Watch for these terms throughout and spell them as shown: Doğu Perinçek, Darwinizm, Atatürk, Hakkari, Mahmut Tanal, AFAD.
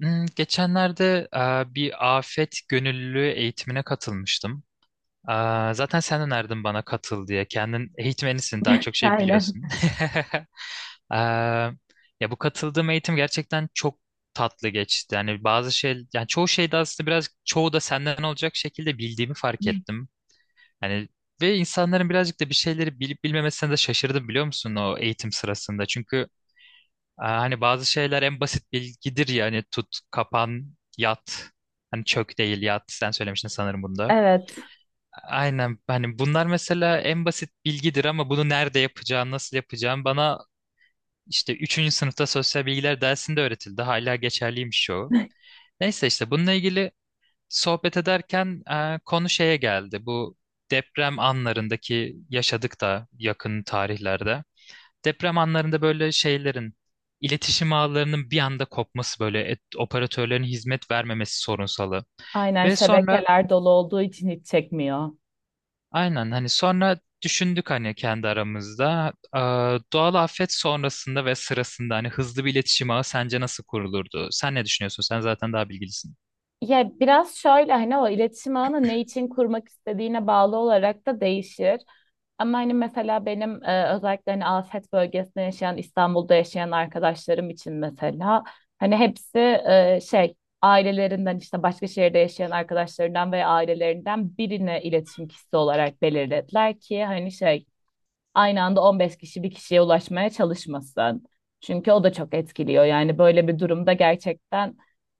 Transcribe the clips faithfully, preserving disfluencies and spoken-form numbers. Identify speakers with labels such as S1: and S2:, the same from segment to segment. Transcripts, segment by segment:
S1: Hmm, geçenlerde e, bir afet gönüllülüğü eğitimine katılmıştım. E, Zaten sen önerdin bana katıl diye. Kendin eğitmenisin, daha çok şey
S2: Aynen.
S1: biliyorsun. E, Ya bu katıldığım eğitim gerçekten çok tatlı geçti. Yani bazı şey, yani çoğu şeyde aslında biraz çoğu da senden olacak şekilde bildiğimi fark ettim. Yani ve insanların birazcık da bir şeyleri bilip bilmemesine de şaşırdım biliyor musun o eğitim sırasında. Çünkü Aa, hani bazı şeyler en basit bilgidir ya hani tut, kapan, yat. Hani çök değil yat sen söylemiştin sanırım bunda.
S2: Evet.
S1: Aynen, hani bunlar mesela en basit bilgidir ama bunu nerede yapacağım, nasıl yapacağım bana işte üçüncü sınıfta sosyal bilgiler dersinde öğretildi. Hala geçerliymiş o. Neyse işte bununla ilgili sohbet ederken e, konu şeye geldi. Bu deprem anlarındaki, yaşadık da yakın tarihlerde deprem anlarında böyle şeylerin, iletişim ağlarının bir anda kopması, böyle et- operatörlerin hizmet vermemesi sorunsalı.
S2: Aynen,
S1: Ve sonra
S2: şebekeler dolu olduğu için hiç çekmiyor.
S1: aynen, hani sonra düşündük hani kendi aramızda. Aa, doğal afet sonrasında ve sırasında hani hızlı bir iletişim ağı sence nasıl kurulurdu? Sen ne düşünüyorsun? Sen zaten daha bilgilisin.
S2: Ya biraz şöyle hani o iletişim ağını ne için kurmak istediğine bağlı olarak da değişir. Ama hani mesela benim e, özellikle hani afet bölgesinde yaşayan, İstanbul'da yaşayan arkadaşlarım için mesela hani hepsi e, şey ailelerinden işte başka şehirde yaşayan arkadaşlarından veya ailelerinden birine iletişim kişisi olarak belirlediler ki hani şey aynı anda on beş kişi bir kişiye ulaşmaya çalışmasın. Çünkü o da çok etkiliyor. Yani böyle bir durumda gerçekten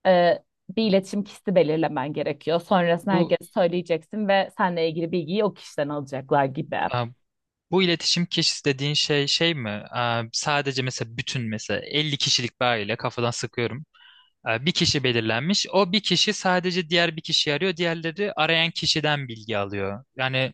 S2: e, bir iletişim kişisi belirlemen gerekiyor. Sonrasında
S1: Bu
S2: herkes söyleyeceksin ve seninle ilgili bilgiyi o kişiden alacaklar gibi.
S1: aa, bu iletişim kişisi dediğin şey şey mi? Aa, sadece mesela bütün, mesela elli kişilik bir aile kafadan sıkıyorum. E, Bir kişi belirlenmiş. O bir kişi sadece diğer bir kişiyi arıyor. Diğerleri arayan kişiden bilgi alıyor. Yani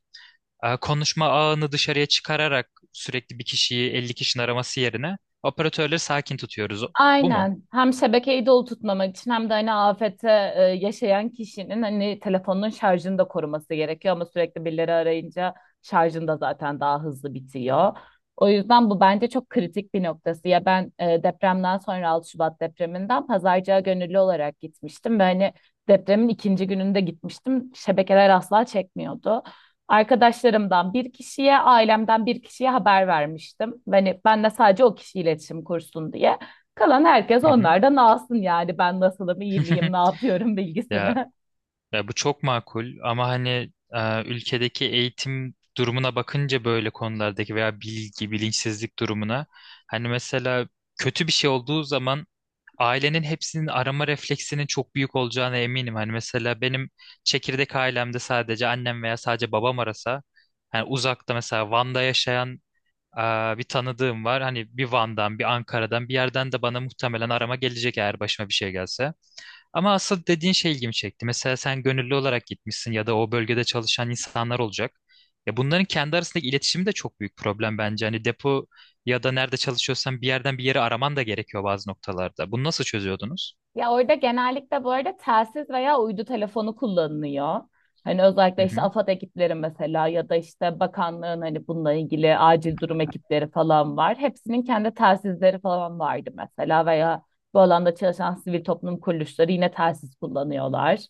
S1: e, konuşma ağını dışarıya çıkararak sürekli bir kişiyi elli kişinin araması yerine operatörleri sakin tutuyoruz. Bu mu?
S2: Aynen. Hem şebekeyi dolu tutmamak için hem de hani afete e, yaşayan kişinin hani telefonun şarjını da koruması gerekiyor ama sürekli birileri arayınca şarjın da zaten daha hızlı bitiyor. O yüzden bu bence çok kritik bir noktası. Ya ben e, depremden sonra altı Şubat depreminden pazarcığa gönüllü olarak gitmiştim ve hani depremin ikinci gününde gitmiştim. Şebekeler asla çekmiyordu. Arkadaşlarımdan bir kişiye, ailemden bir kişiye haber vermiştim. Hani ben de sadece o kişi iletişim kursun diye. Kalan herkes
S1: Hı hı.
S2: onlardan alsın yani ben nasılım, iyi miyim, ne yapıyorum
S1: Ya
S2: bilgisini.
S1: Ya bu çok makul ama hani e, ülkedeki eğitim durumuna bakınca böyle konulardaki veya bilgi, bilinçsizlik durumuna, hani mesela kötü bir şey olduğu zaman ailenin hepsinin arama refleksinin çok büyük olacağına eminim. Hani mesela benim çekirdek ailemde sadece annem veya sadece babam arasa, hani uzakta mesela Van'da yaşayan e, bir tanıdığım var. Hani bir Van'dan, bir Ankara'dan, bir yerden de bana muhtemelen arama gelecek eğer başıma bir şey gelse. Ama asıl dediğin şey ilgimi çekti. Mesela sen gönüllü olarak gitmişsin ya da o bölgede çalışan insanlar olacak. Ya bunların kendi arasındaki iletişimi de çok büyük problem bence. Hani depo ya da nerede çalışıyorsan bir yerden bir yere araman da gerekiyor bazı noktalarda. Bunu nasıl çözüyordunuz?
S2: Ya orada genellikle bu arada telsiz veya uydu telefonu kullanılıyor. Hani özellikle
S1: Hı
S2: işte
S1: hı,
S2: AFAD ekipleri mesela ya da işte bakanlığın hani bununla ilgili acil durum ekipleri falan var. Hepsinin kendi telsizleri falan vardı mesela veya bu alanda çalışan sivil toplum kuruluşları yine telsiz kullanıyorlar.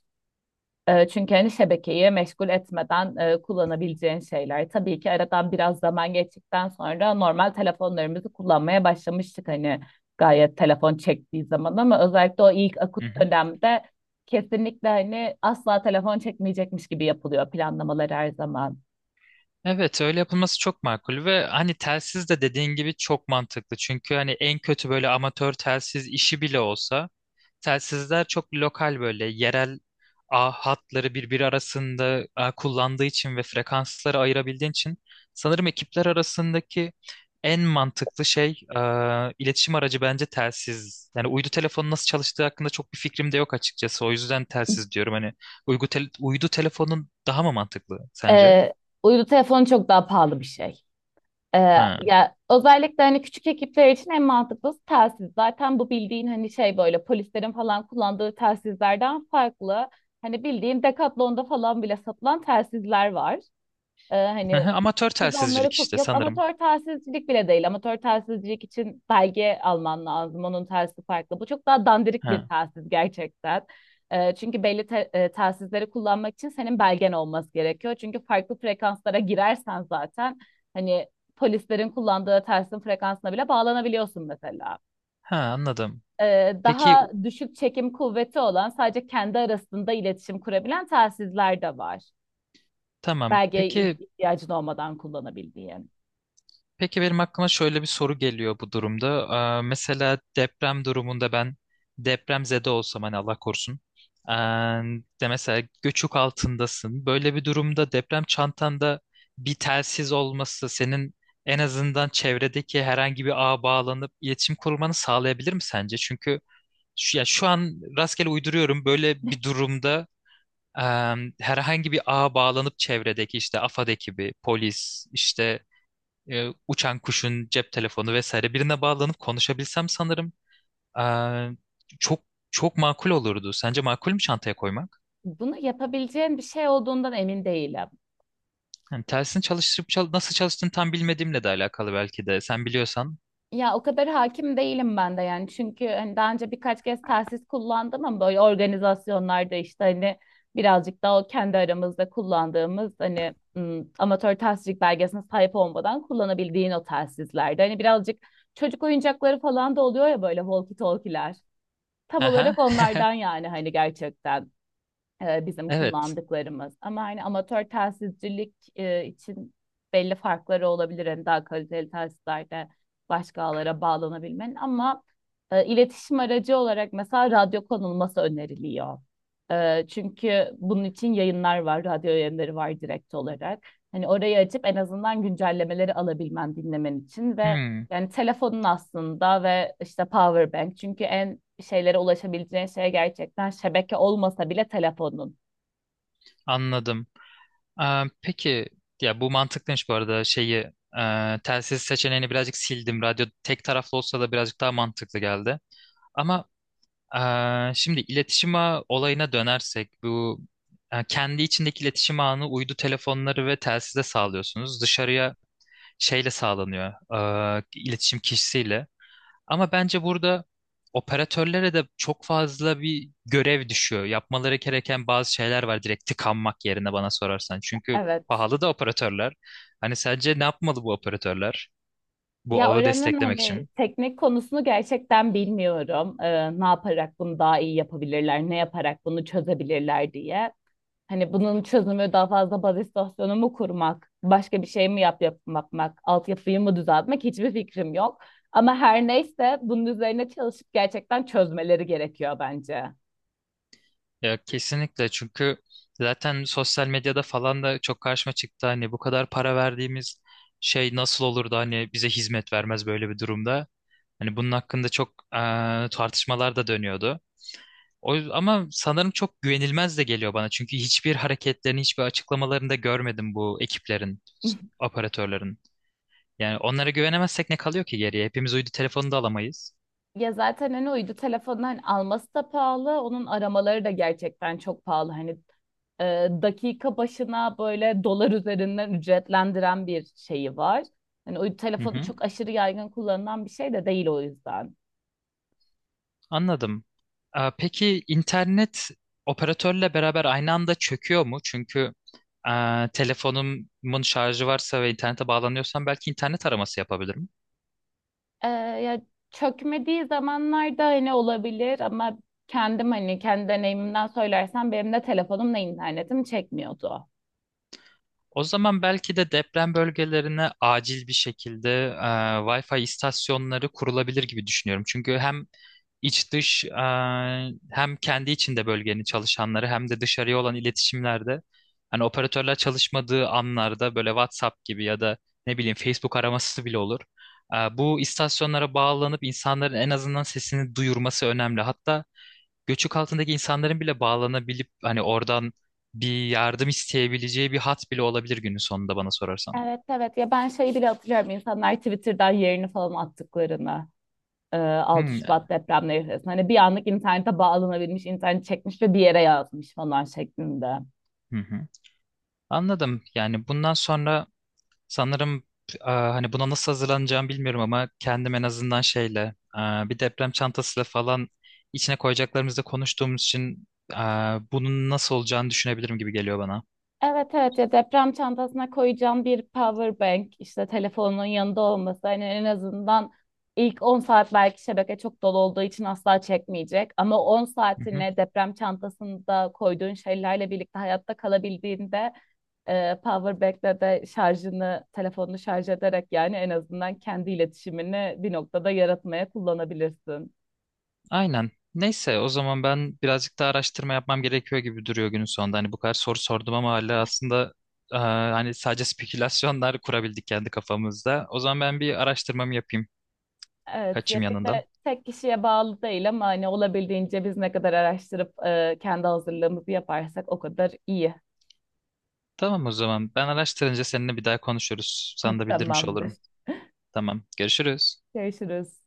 S2: E, çünkü hani şebekeyi meşgul etmeden e, kullanabileceğin şeyler. Tabii ki aradan biraz zaman geçtikten sonra normal telefonlarımızı kullanmaya başlamıştık hani gayet telefon çektiği zaman ama özellikle o ilk
S1: hı
S2: akut
S1: hı.
S2: dönemde kesinlikle hani asla telefon çekmeyecekmiş gibi yapılıyor planlamalar her zaman.
S1: Evet, öyle yapılması çok makul ve hani telsiz de dediğin gibi çok mantıklı. Çünkü hani en kötü böyle amatör telsiz işi bile olsa, telsizler çok lokal, böyle yerel ağ hatları birbiri arasında a, kullandığı için ve frekansları ayırabildiğin için sanırım ekipler arasındaki en mantıklı şey, e, iletişim aracı bence telsiz. Yani uydu telefonu nasıl çalıştığı hakkında çok bir fikrim de yok açıkçası. O yüzden telsiz diyorum. Hani uygu tel- uydu telefonun daha mı mantıklı sence?
S2: E, Uydu telefonu çok daha pahalı bir şey. Ee,
S1: Ha.
S2: ya özellikle hani küçük ekipler için en mantıklısı telsiz. Zaten bu bildiğin hani şey böyle polislerin falan kullandığı telsizlerden farklı. Hani bildiğin Decathlon'da falan bile satılan telsizler var. Ee, hani
S1: Aha, amatör
S2: biz
S1: telsizcilik
S2: onları tut
S1: işte
S2: yok,
S1: sanırım.
S2: amatör telsizcilik bile değil. Amatör telsizcilik için belge alman lazım. Onun telsizi farklı. Bu çok daha dandirik bir
S1: Ha.
S2: telsiz gerçekten. Ee, çünkü belli te- e, telsizleri kullanmak için senin belgen olması gerekiyor. Çünkü farklı frekanslara girersen zaten hani polislerin kullandığı telsin frekansına bile bağlanabiliyorsun mesela.
S1: Ha, anladım.
S2: Ee,
S1: Peki
S2: daha
S1: u-
S2: düşük çekim kuvveti olan sadece kendi arasında iletişim kurabilen telsizler de var.
S1: tamam.
S2: Belgeye ih-
S1: Peki
S2: ihtiyacın olmadan kullanabildiğin.
S1: Peki benim aklıma şöyle bir soru geliyor bu durumda. Ee, mesela deprem durumunda ben depremzede olsam, hani Allah korusun. Ee, De mesela göçük altındasın. Böyle bir durumda deprem çantanda bir telsiz olması senin en azından çevredeki herhangi bir ağa bağlanıp iletişim kurmanı sağlayabilir mi sence? Çünkü şu, ya şu an rastgele uyduruyorum, böyle bir durumda e, herhangi bir ağa bağlanıp çevredeki işte AFAD ekibi, polis, işte e, uçan kuşun cep telefonu vesaire birine bağlanıp konuşabilsem sanırım eee, çok çok makul olurdu. Sence makul mü çantaya koymak?
S2: Bunu yapabileceğin bir şey olduğundan emin değilim.
S1: Yani tersini çalıştırıp çal- nasıl çalıştığını tam bilmediğimle de alakalı belki de. Sen biliyorsan.
S2: Ya o kadar hakim değilim ben de yani. Çünkü hani daha önce birkaç kez telsiz kullandım ama böyle organizasyonlarda işte hani birazcık daha o kendi aramızda kullandığımız hani ım, amatör telsizcilik belgesine sahip olmadan kullanabildiğin o telsizlerde. Hani birazcık çocuk oyuncakları falan da oluyor ya böyle walkie talkie'ler. Tam
S1: Aha,
S2: olarak onlardan yani hani gerçekten. E, bizim
S1: evet.
S2: kullandıklarımız. Ama hani amatör telsizcilik e, için belli farkları olabilir. Hani daha kaliteli telsizlerde başka ağlara bağlanabilmenin ama e, iletişim aracı olarak mesela radyo konulması öneriliyor. E, çünkü bunun için yayınlar var, radyo yayınları var direkt olarak. Hani orayı açıp en azından güncellemeleri alabilmen, dinlemen için ve
S1: Hmm,
S2: yani telefonun aslında ve işte power bank. Çünkü en şeylere ulaşabileceğin şey gerçekten şebeke olmasa bile telefonun.
S1: anladım. Eee, peki, ya bu mantıklıymış bu arada, şeyi eee telsiz seçeneğini birazcık sildim. Radyo tek taraflı olsa da birazcık daha mantıklı geldi. Ama Ee, şimdi iletişim ağı olayına dönersek bu e, kendi içindeki iletişim ağını uydu telefonları ve telsize sağlıyorsunuz. Dışarıya şeyle sağlanıyor, e, iletişim kişisiyle. Ama bence burada operatörlere de çok fazla bir görev düşüyor. Yapmaları gereken bazı şeyler var, direkt tıkanmak yerine bana sorarsan. Çünkü
S2: Evet.
S1: pahalı da operatörler. Hani sence ne yapmalı bu operatörler bu
S2: Ya
S1: ağı
S2: öğrenin
S1: desteklemek
S2: hani
S1: için?
S2: teknik konusunu gerçekten bilmiyorum. Ee, ne yaparak bunu daha iyi yapabilirler, ne yaparak bunu çözebilirler diye. Hani bunun çözümü daha fazla baz istasyonu mu kurmak, başka bir şey mi yap yapmak, altyapıyı mı düzeltmek hiçbir fikrim yok. Ama her neyse bunun üzerine çalışıp gerçekten çözmeleri gerekiyor bence.
S1: Ya kesinlikle, çünkü zaten sosyal medyada falan da çok karşıma çıktı hani bu kadar para verdiğimiz şey nasıl olur da hani bize hizmet vermez böyle bir durumda. Hani bunun hakkında çok eee, tartışmalar da dönüyordu. O, yüz- ama sanırım çok güvenilmez de geliyor bana çünkü hiçbir hareketlerini, hiçbir açıklamalarını da görmedim bu ekiplerin, s- operatörlerin. Yani onlara güvenemezsek ne kalıyor ki geriye? Hepimiz uydu telefonu da alamayız.
S2: Ya zaten hani uydu telefonunu hani alması da pahalı. Onun aramaları da gerçekten çok pahalı. Hani e, dakika başına böyle dolar üzerinden ücretlendiren bir şeyi var. Hani uydu telefonu çok aşırı yaygın kullanılan bir şey de değil o yüzden.
S1: Anladım. Aa, Peki internet operatörle beraber aynı anda çöküyor mu? Çünkü aa, telefonumun şarjı varsa ve internete bağlanıyorsam belki internet araması yapabilirim.
S2: Ee, ya çökmediği zamanlarda hani olabilir ama kendim hani kendi deneyimimden söylersem benim de telefonumla internetim çekmiyordu.
S1: O zaman belki de deprem bölgelerine acil bir şekilde e, Wi-Fi istasyonları kurulabilir gibi düşünüyorum. Çünkü hem iç dış e, hem kendi içinde bölgenin çalışanları hem de dışarıya olan iletişimlerde hani operatörler çalışmadığı anlarda böyle WhatsApp gibi ya da ne bileyim Facebook araması bile olur. E, bu istasyonlara bağlanıp insanların en azından sesini duyurması önemli. Hatta göçük altındaki insanların bile bağlanabilip hani oradan bir yardım isteyebileceği bir hat bile olabilir günün sonunda bana sorarsan.
S2: Evet, evet, ya ben şeyi bile hatırlıyorum insanlar Twitter'dan yerini falan attıklarını e, altı
S1: Hmm,
S2: Şubat depremleri sırasında hani bir anlık internete bağlanabilmiş internet çekmiş ve bir yere yazmış falan şeklinde.
S1: hı hı. Anladım. Yani bundan sonra sanırım e, hani buna nasıl hazırlanacağımı bilmiyorum ama kendim en azından şeyle, e, bir deprem çantasıyla falan içine koyacaklarımızda konuştuğumuz için e, bunun nasıl olacağını düşünebilirim gibi geliyor bana.
S2: Evet, evet, ya deprem çantasına koyacağın bir power bank işte telefonun yanında olması hani en azından ilk on saat belki şebeke çok dolu olduğu için asla çekmeyecek ama on
S1: Hı hı.
S2: saatine deprem çantasında koyduğun şeylerle birlikte hayatta kalabildiğinde e, power bank'le de şarjını telefonunu şarj ederek yani en azından kendi iletişimini bir noktada yaratmaya kullanabilirsin.
S1: Aynen. Neyse, o zaman ben birazcık daha araştırma yapmam gerekiyor gibi duruyor günün sonunda. Hani bu kadar soru sordum ama hala aslında e, hani sadece spekülasyonlar kurabildik kendi kafamızda. O zaman ben bir araştırmamı yapayım.
S2: Evet, ya
S1: Kaçayım
S2: bir
S1: yanından.
S2: de tek kişiye bağlı değil ama hani olabildiğince biz ne kadar araştırıp e, kendi hazırlığımızı yaparsak o kadar iyi.
S1: Tamam o zaman. Ben araştırınca seninle bir daha konuşuruz. Sana da bildirmiş
S2: Tamamdır.
S1: olurum. Tamam. Görüşürüz.
S2: Görüşürüz.